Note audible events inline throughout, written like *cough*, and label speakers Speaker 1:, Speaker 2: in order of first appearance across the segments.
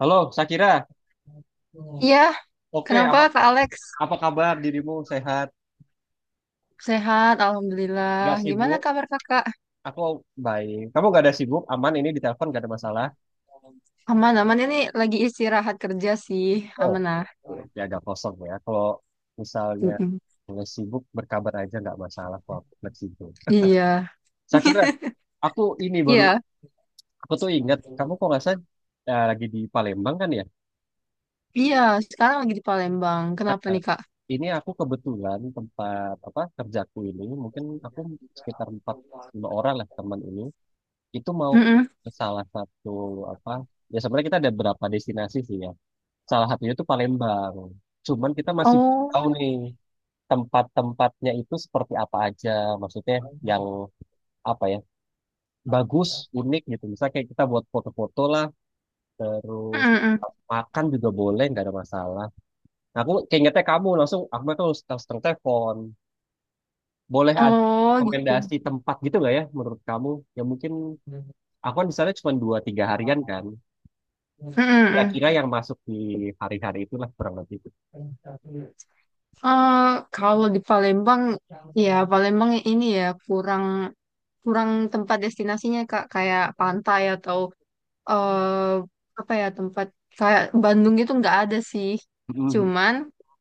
Speaker 1: Halo, Sakira.
Speaker 2: Iya,
Speaker 1: Oke,
Speaker 2: kenapa
Speaker 1: apa
Speaker 2: Kak Alex?
Speaker 1: apa kabar dirimu? Sehat?
Speaker 2: Sehat,
Speaker 1: Gak
Speaker 2: Alhamdulillah. Gimana
Speaker 1: sibuk?
Speaker 2: kabar Kakak?
Speaker 1: Aku baik. Kamu gak ada sibuk? Aman ini di telepon, gak ada masalah?
Speaker 2: Aman, aman. Ini lagi istirahat kerja sih.
Speaker 1: Oh,
Speaker 2: Aman ah.
Speaker 1: gitu. Oke, agak kosong ya. Kalau misalnya
Speaker 2: Mm-mm.
Speaker 1: nggak sibuk, berkabar aja nggak masalah. Kalau aku fleksibel.
Speaker 2: Iya,
Speaker 1: Sakira, aku ini baru,
Speaker 2: iya,
Speaker 1: aku tuh ingat kamu, kok nggak sadar lagi di Palembang kan ya?
Speaker 2: iya. Sekarang lagi di Palembang. Kenapa
Speaker 1: Eh,
Speaker 2: nih Kak?
Speaker 1: ini aku kebetulan tempat apa kerjaku ini, mungkin aku sekitar empat lima orang lah teman ini. Itu mau
Speaker 2: Mm-mm.
Speaker 1: ke salah satu apa, ya sebenarnya kita ada berapa destinasi sih ya, salah satunya itu Palembang, cuman kita masih
Speaker 2: Oh.
Speaker 1: tahu nih tempat-tempatnya itu seperti apa aja, maksudnya yang apa ya, bagus, unik gitu, misalnya kayak kita buat foto-foto lah, terus
Speaker 2: Mm-mm.
Speaker 1: makan juga boleh, nggak ada masalah. Nah, aku keingetnya kamu, langsung aku tuh langsung langsung telepon, boleh ada
Speaker 2: Oh, gitu.
Speaker 1: rekomendasi tempat gitu nggak ya menurut kamu. Ya mungkin aku kan di sana cuma dua tiga harian kan,
Speaker 2: Mm-mm.
Speaker 1: kira-kira yang masuk di hari-hari itulah kurang lebih.
Speaker 2: Eh, Kalau di Palembang, ya Palembang ini ya kurang kurang tempat destinasinya Kak. Kayak pantai atau eh apa ya tempat kayak Bandung gitu nggak ada sih.
Speaker 1: Mhm.
Speaker 2: Cuman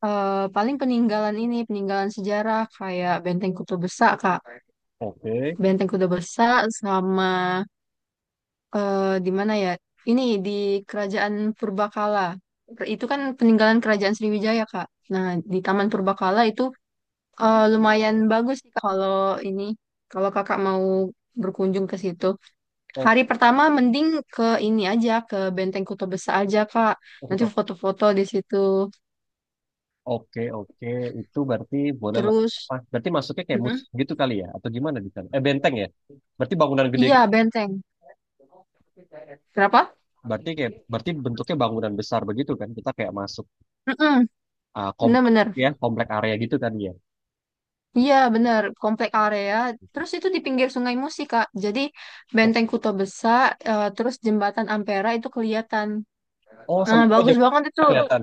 Speaker 2: eh, paling peninggalan ini peninggalan sejarah kayak Benteng Kuto Besar Kak.
Speaker 1: Oke.
Speaker 2: Benteng Kuto Besar sama, di mana ya? Ini di Kerajaan Purbakala. Itu kan peninggalan Kerajaan Sriwijaya Kak. Nah, di Taman Purbakala itu lumayan bagus sih Kak, kalau ini kalau kakak mau berkunjung ke situ.
Speaker 1: O-
Speaker 2: Hari pertama mending ke ini aja, ke Benteng Kota Besar aja, Kak.
Speaker 1: oh,
Speaker 2: Nanti
Speaker 1: tetap.
Speaker 2: foto-foto di situ.
Speaker 1: Oke, oke, itu berarti boleh lah.
Speaker 2: Terus.
Speaker 1: Apa, berarti masuknya kayak mus
Speaker 2: Mm-mm.
Speaker 1: gitu kali ya, atau gimana di sana? Eh, benteng ya? Berarti bangunan gede
Speaker 2: Iya,
Speaker 1: gitu.
Speaker 2: benteng. Kenapa?
Speaker 1: Berarti bentuknya bangunan besar begitu kan? Kita kayak masuk
Speaker 2: Mm-mm.
Speaker 1: komplek,
Speaker 2: Bener-bener.
Speaker 1: ya, komplek area gitu kan ya?
Speaker 2: Iya, bener. Komplek area. Terus itu di pinggir Sungai Musi, Kak. Jadi
Speaker 1: Oh,
Speaker 2: Benteng Kuto Besar, terus Jembatan Ampera itu kelihatan.
Speaker 1: oh
Speaker 2: Nah,
Speaker 1: sampai oh
Speaker 2: bagus
Speaker 1: jauh
Speaker 2: banget itu.
Speaker 1: kelihatan.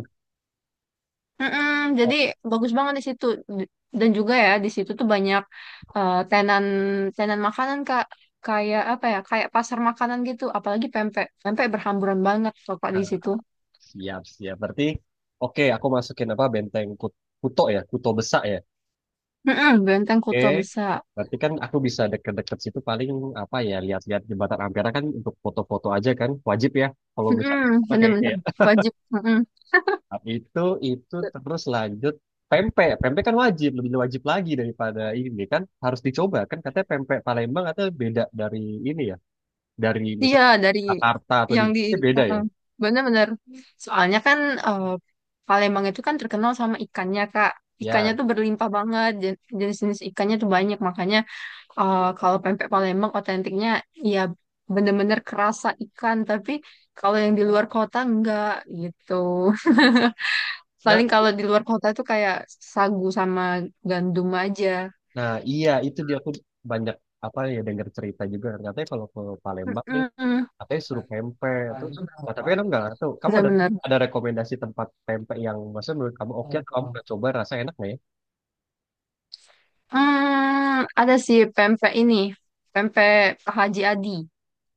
Speaker 2: Mm-mm, jadi
Speaker 1: Oh,
Speaker 2: bagus banget di situ. D- dan juga ya di situ tuh banyak tenan tenan makanan kak, kayak apa ya, kayak pasar makanan gitu. Apalagi pempek pempek berhamburan banget kok kak di
Speaker 1: nah,
Speaker 2: situ.
Speaker 1: siap, siap. Berarti oke, aku masukin apa, benteng Kuto ya, Kuto Besak ya.
Speaker 2: Mm-mm. Benteng
Speaker 1: Oke,
Speaker 2: Kota Besar.
Speaker 1: berarti kan aku bisa deket-deket situ, paling apa ya, lihat-lihat jembatan Ampera kan, untuk foto-foto aja kan wajib ya kalau misalnya,
Speaker 2: Mm-mm,
Speaker 1: apa, kayaknya
Speaker 2: bener-bener
Speaker 1: ya.
Speaker 2: wajib. Mm-mm.
Speaker 1: Nah, itu terus lanjut pempek, pempek kan wajib, lebih wajib lagi daripada ini, kan harus dicoba kan, katanya pempek Palembang katanya beda dari ini ya, dari misal
Speaker 2: Iya, dari
Speaker 1: Jakarta, atau di,
Speaker 2: yang di.
Speaker 1: beda ya.
Speaker 2: Uh-uh. Bener-bener. Soalnya kan, eh, Palembang itu kan terkenal sama ikannya, Kak. Ikannya
Speaker 1: Ya,
Speaker 2: tuh berlimpah banget, jenis-jenis ikannya tuh banyak. Makanya kalau pempek Palembang otentiknya ya bener-bener kerasa ikan. Tapi kalau yang di luar kota enggak gitu. *laughs*
Speaker 1: nah,
Speaker 2: Paling kalau di luar kota tuh kayak sagu sama gandum aja.
Speaker 1: nah iya, itu dia, aku banyak apa ya dengar cerita juga, katanya kalau ke Palembang nih
Speaker 2: Mm-mm.
Speaker 1: katanya suruh pempek terus. Nah, tapi kan aku nggak tahu kamu ada
Speaker 2: Bener-bener.
Speaker 1: ada rekomendasi tempat pempek yang, maksudnya menurut kamu oke, atau kamu pernah coba rasa enak nggak ya.
Speaker 2: Hmm, ada sih pempek ini, pempek Pak Haji Adi.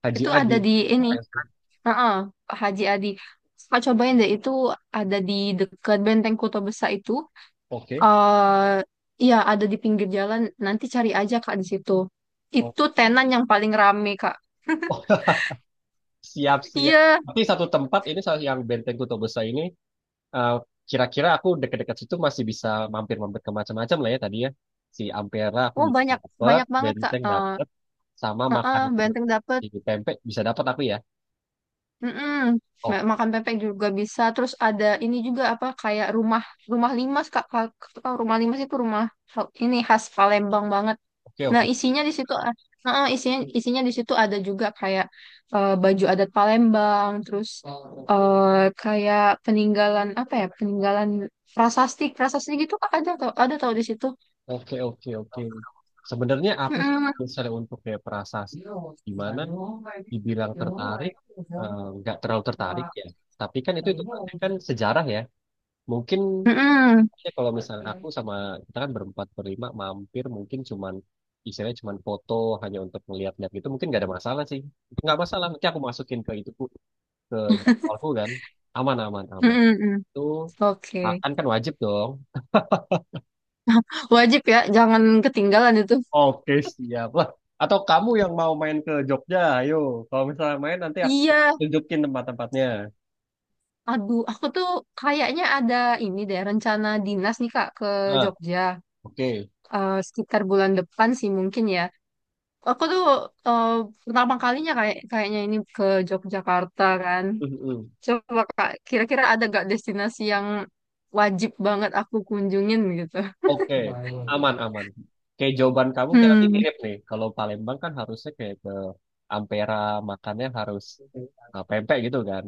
Speaker 1: Haji
Speaker 2: Itu ada
Speaker 1: Adi.
Speaker 2: di ini,
Speaker 1: Ya.
Speaker 2: heeh, Pak Haji Adi. Pak cobain deh, itu ada di dekat Benteng Kota Besar itu.
Speaker 1: Oke.
Speaker 2: eh Iya, ada di pinggir jalan. Nanti cari aja Kak di situ.
Speaker 1: Oh,
Speaker 2: Itu tenan yang paling rame Kak.
Speaker 1: *laughs* siap, siap.
Speaker 2: Iya,
Speaker 1: Tapi satu tempat ini, yang Benteng Kuto Besar ini, eh, kira-kira aku dekat-dekat situ masih bisa mampir-mampir ke macam-macam lah ya, tadi ya, si Ampera aku
Speaker 2: oh,
Speaker 1: bisa
Speaker 2: banyak,
Speaker 1: dapet,
Speaker 2: banyak banget Kak.
Speaker 1: Benteng
Speaker 2: Eh,
Speaker 1: dapet, sama makan
Speaker 2: heeh, Benteng dapur.
Speaker 1: di pempek bisa dapat aku ya.
Speaker 2: Mm-mm.
Speaker 1: Oh,
Speaker 2: Makan pempek juga bisa. Terus ada ini juga apa kayak rumah rumah limas kak, Kak, rumah limas itu rumah ini khas Palembang banget.
Speaker 1: oke,
Speaker 2: Nah,
Speaker 1: oke.
Speaker 2: isinya di situ, isinya isinya di situ ada juga kayak baju adat Palembang, terus eh, kayak peninggalan apa ya peninggalan prasasti prasasti gitu kak, ada tau di situ.
Speaker 1: Oke, oke, oke. Sebenarnya aku sih
Speaker 2: Mm-mm.
Speaker 1: kalau misalnya untuk kayak prasasti, gimana dibilang tertarik, nggak terlalu tertarik ya. Tapi kan itu kan sejarah ya. Mungkin
Speaker 2: Mm-mm.
Speaker 1: ya, kalau misalnya aku sama, kita kan berempat berlima mampir, mungkin cuman istilahnya cuman foto, hanya untuk melihat-lihat gitu, mungkin nggak ada masalah sih. Itu nggak masalah, nanti aku masukin ke itu, ke jadwalku kan. Aman, aman, aman.
Speaker 2: Mm-mm.
Speaker 1: Itu akan
Speaker 2: Oke.
Speaker 1: kan kan wajib dong.
Speaker 2: Wajib ya, jangan ketinggalan itu.
Speaker 1: Oke, siap lah. Atau kamu yang mau main ke Jogja, ayo. Kalau misalnya main, nanti aku
Speaker 2: Iya.
Speaker 1: tunjukin tempat-tempatnya.
Speaker 2: Aduh, aku tuh kayaknya ada ini deh rencana dinas nih Kak ke
Speaker 1: Nah,
Speaker 2: Jogja,
Speaker 1: oke.
Speaker 2: sekitar bulan depan sih mungkin ya. Aku tuh eh, pertama kalinya kayak kayaknya ini ke Yogyakarta kan.
Speaker 1: Mm-mm.
Speaker 2: Coba Kak, kira-kira ada gak destinasi yang wajib banget aku kunjungin gitu?
Speaker 1: Oke, aman, aman. Kayak jawaban kamu kayak nanti
Speaker 2: Hmm,
Speaker 1: mirip nih. Kalau Palembang kan harusnya kayak ke Ampera, makannya harus, pempek gitu kan.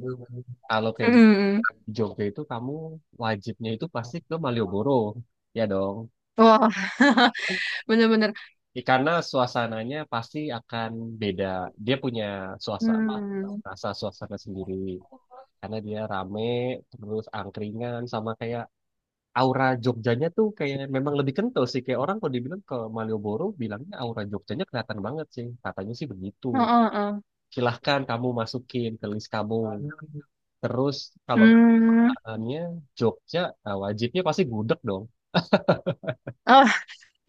Speaker 1: Kalau kayak
Speaker 2: hmm.
Speaker 1: Jogja itu kamu wajibnya itu pasti ke Malioboro. Ya dong.
Speaker 2: Wah, bener-bener.
Speaker 1: Ya, karena suasananya pasti akan beda. Dia punya suasana,
Speaker 2: Hmm.
Speaker 1: rasa suasana sendiri. Karena dia rame, terus angkringan, sama kayak aura Jogjanya tuh kayak memang lebih kental sih. Kayak orang kalau dibilang ke Malioboro, bilangnya aura Jogjanya kelihatan banget sih. Katanya sih begitu.
Speaker 2: Oh, oh, oh.
Speaker 1: Silahkan kamu masukin ke list kamu. Terus kalau
Speaker 2: Hmm.
Speaker 1: makanannya Jogja, nah, wajibnya pasti gudeg dong.
Speaker 2: Oh,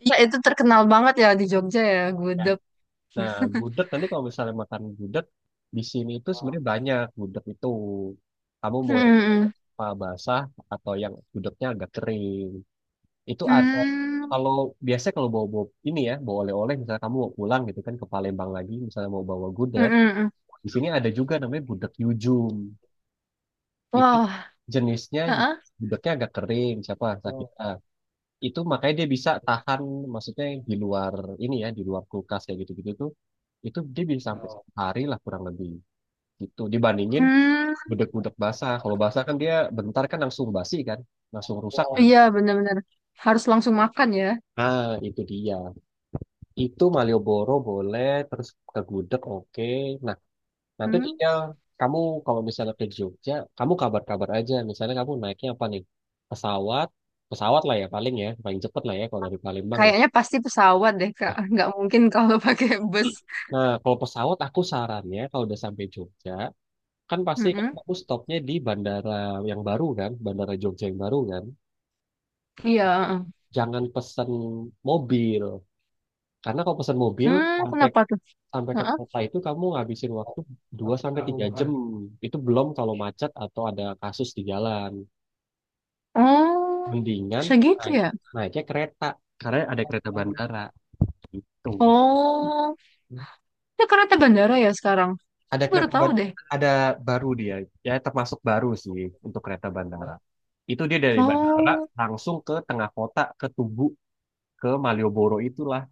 Speaker 2: ya itu terkenal banget ya di Jogja ya,
Speaker 1: Ya,
Speaker 2: gudeg.
Speaker 1: nah, gudeg, nanti kalau misalnya makan gudeg di sini itu sebenarnya banyak gudeg itu. Kamu
Speaker 2: Hmm,
Speaker 1: mau yang
Speaker 2: hmm.
Speaker 1: apa, basah, atau yang gudegnya agak kering. Itu ada.
Speaker 2: Hmm.
Speaker 1: Kalau biasanya kalau bawa, bawa ini ya, bawa oleh-oleh misalnya kamu mau pulang gitu kan, ke Palembang lagi misalnya mau bawa gudeg,
Speaker 2: Mm-mm.
Speaker 1: di sini ada juga namanya gudeg Yujum. Itu
Speaker 2: Wah.
Speaker 1: jenisnya
Speaker 2: Heeh.
Speaker 1: gudegnya agak kering, siapa sakit ah, itu makanya dia bisa tahan, maksudnya di luar ini ya, di luar kulkas kayak gitu-gitu tuh, itu dia bisa sampai sehari lah kurang lebih, gitu, dibandingin
Speaker 2: Hmm,
Speaker 1: bedek-bedek basah. Kalau basah kan dia bentar kan langsung basi kan, langsung rusak kan.
Speaker 2: iya, benar-benar harus langsung makan ya.
Speaker 1: Ah, itu dia. Itu Malioboro boleh, terus ke gudeg, oke. Nah, nanti
Speaker 2: Hmm,
Speaker 1: tinggal kamu, kalau misalnya ke Jogja kamu kabar-kabar aja, misalnya kamu naiknya apa nih, pesawat, pesawat lah ya paling, ya paling cepet lah ya kalau dari Palembang ya.
Speaker 2: kayaknya pasti pesawat deh Kak, nggak
Speaker 1: Ah,
Speaker 2: mungkin *laughs* kalau pakai bus.
Speaker 1: nah, kalau pesawat aku sarannya kalau udah sampai Jogja, kan pasti kan
Speaker 2: Mm-mm.
Speaker 1: aku stopnya di bandara yang baru kan, bandara Jogja yang baru kan.
Speaker 2: Iya.
Speaker 1: Jangan pesen mobil. Karena kalau pesen mobil,
Speaker 2: Hmm,
Speaker 1: sampai
Speaker 2: kenapa tuh?
Speaker 1: sampai ke
Speaker 2: Heeh.
Speaker 1: kota itu kamu ngabisin waktu 2 sampai 3 jam. Itu belum kalau macet atau ada kasus di jalan.
Speaker 2: Oh,
Speaker 1: Mendingan
Speaker 2: segitu
Speaker 1: naik
Speaker 2: ya.
Speaker 1: naiknya kereta, karena ada kereta bandara gitu.
Speaker 2: Oh, itu karena ada bandara ya sekarang.
Speaker 1: Ada
Speaker 2: Aku baru
Speaker 1: kereta
Speaker 2: tahu
Speaker 1: ban,
Speaker 2: deh.
Speaker 1: ada baru dia, ya termasuk baru sih untuk kereta bandara. Itu dia dari bandara
Speaker 2: Oh,
Speaker 1: langsung ke tengah kota, ke Tugu, ke Malioboro itulah.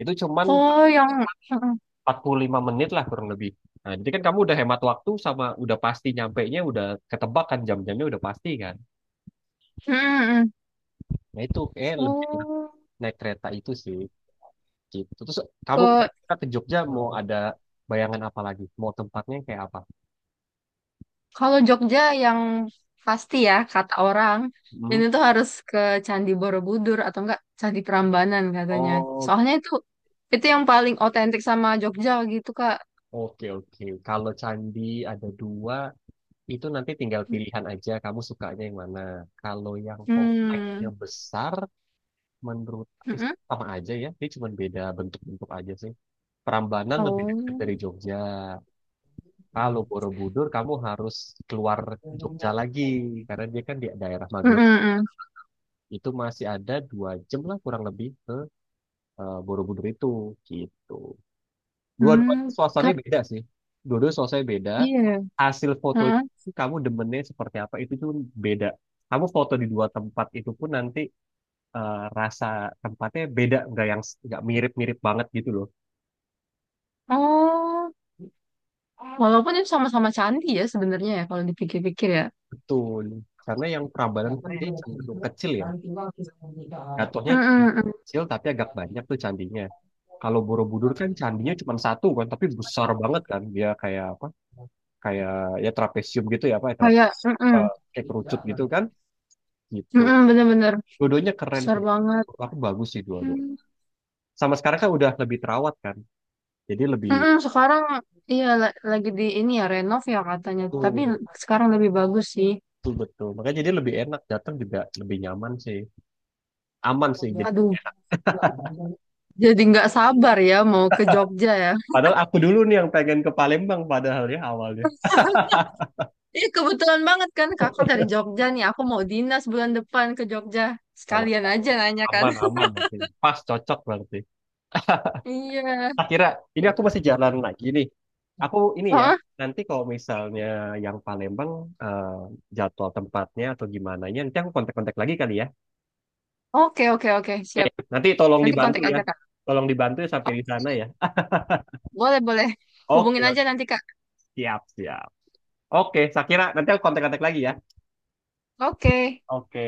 Speaker 1: Itu cuman
Speaker 2: oh yang, heeh.
Speaker 1: 45 menit lah kurang lebih. Nah, jadi kan kamu udah hemat waktu, sama udah pasti nyampainya udah ketebak kan, jam-jamnya udah pasti kan.
Speaker 2: Mm-mm.
Speaker 1: Nah, itu lebih enak
Speaker 2: Oh,
Speaker 1: naik kereta itu sih. Gitu. Terus kamu
Speaker 2: ke
Speaker 1: kira-kira ke Jogja mau ada bayangan apa lagi? Mau tempatnya kayak apa?
Speaker 2: Kalau Jogja yang pasti ya kata orang
Speaker 1: Hmm?
Speaker 2: ini tuh harus ke Candi Borobudur atau enggak Candi Prambanan katanya.
Speaker 1: Oh,
Speaker 2: Soalnya itu yang paling otentik sama Jogja gitu Kak.
Speaker 1: oke, oke. Kalau candi ada dua, itu nanti tinggal pilihan aja kamu sukanya yang mana. Kalau yang kompleksnya
Speaker 2: Hmm.
Speaker 1: besar, menurut eh,
Speaker 2: Mm-mm.
Speaker 1: sama aja ya. Dia cuma beda bentuk-bentuk aja sih. Prambanan lebih dekat
Speaker 2: Oh.
Speaker 1: dari Jogja. Kalau Borobudur, kamu harus keluar Jogja lagi. Karena dia kan di daerah Magelang.
Speaker 2: Mm-mm-mm.
Speaker 1: Itu masih ada 2 jam lah kurang lebih ke, Borobudur itu. Gitu. Dua-dua
Speaker 2: Hmm.
Speaker 1: suasananya
Speaker 2: Tapi
Speaker 1: beda sih. Dua-dua suasananya beda.
Speaker 2: iya.
Speaker 1: Hasil foto
Speaker 2: Mm-mm.
Speaker 1: itu kamu demennya seperti apa itu tuh beda. Kamu foto di dua tempat itu pun nanti, rasa tempatnya beda, nggak yang nggak mirip-mirip banget gitu loh.
Speaker 2: Oh. Walaupun itu sama-sama candi ya sebenarnya ya kalau dipikir-pikir ya.
Speaker 1: Betul. Karena yang Prambanan kan dia cenderung kecil ya. Jatuhnya
Speaker 2: Mm-mm-mm.
Speaker 1: kecil tapi agak banyak tuh candinya. Kalau Borobudur kan candinya cuma satu kan, tapi besar banget kan. Dia kayak apa? Kayak, ya, trapesium gitu ya apa? Ya,
Speaker 2: Kayak mm-mm.
Speaker 1: kayak kerucut gitu kan? Gitu.
Speaker 2: Mm-mm, bener-bener
Speaker 1: Dua-duanya keren
Speaker 2: besar
Speaker 1: sih.
Speaker 2: banget.
Speaker 1: Menurut aku bagus sih dua-dua.
Speaker 2: Hmm.
Speaker 1: Sama sekarang kan udah lebih terawat kan. Jadi lebih
Speaker 2: Mm-mm, sekarang iya lagi di ini ya renov ya katanya. Tapi
Speaker 1: tuh
Speaker 2: sekarang lebih bagus sih.
Speaker 1: tuh betul. Makanya jadi lebih enak, datang juga lebih nyaman sih. Aman sih
Speaker 2: Aduh,
Speaker 1: jadinya.
Speaker 2: jadi nggak sabar ya mau ke Jogja ya.
Speaker 1: Padahal aku dulu nih yang pengen ke Palembang padahal ya awalnya.
Speaker 2: *laughs* Iya, kebetulan banget kan kakak dari Jogja nih. Aku mau dinas bulan depan ke Jogja.
Speaker 1: Aman,
Speaker 2: Sekalian aja nanya kan.
Speaker 1: aman,
Speaker 2: *laughs*
Speaker 1: aman berarti. Pas cocok berarti.
Speaker 2: Iya.
Speaker 1: Akhirnya ini aku masih jalan lagi nih. Aku ini ya,
Speaker 2: Hah?
Speaker 1: nanti kalau misalnya yang Palembang, eh, jadwal tempatnya atau gimana ya, nanti aku kontak-kontak lagi kali ya.
Speaker 2: Oke, oke, oke, siap.
Speaker 1: Nanti tolong
Speaker 2: Nanti
Speaker 1: dibantu
Speaker 2: kontak
Speaker 1: ya.
Speaker 2: aja kak.
Speaker 1: Tolong dibantu ya sampai di
Speaker 2: Oke.
Speaker 1: sana ya.
Speaker 2: Boleh, boleh.
Speaker 1: Oke,
Speaker 2: Hubungin
Speaker 1: oke.
Speaker 2: aja nanti kak.
Speaker 1: Siap, siap. Oke, Sakira, nanti aku kontak-kontak lagi ya.
Speaker 2: Oke.
Speaker 1: Oke.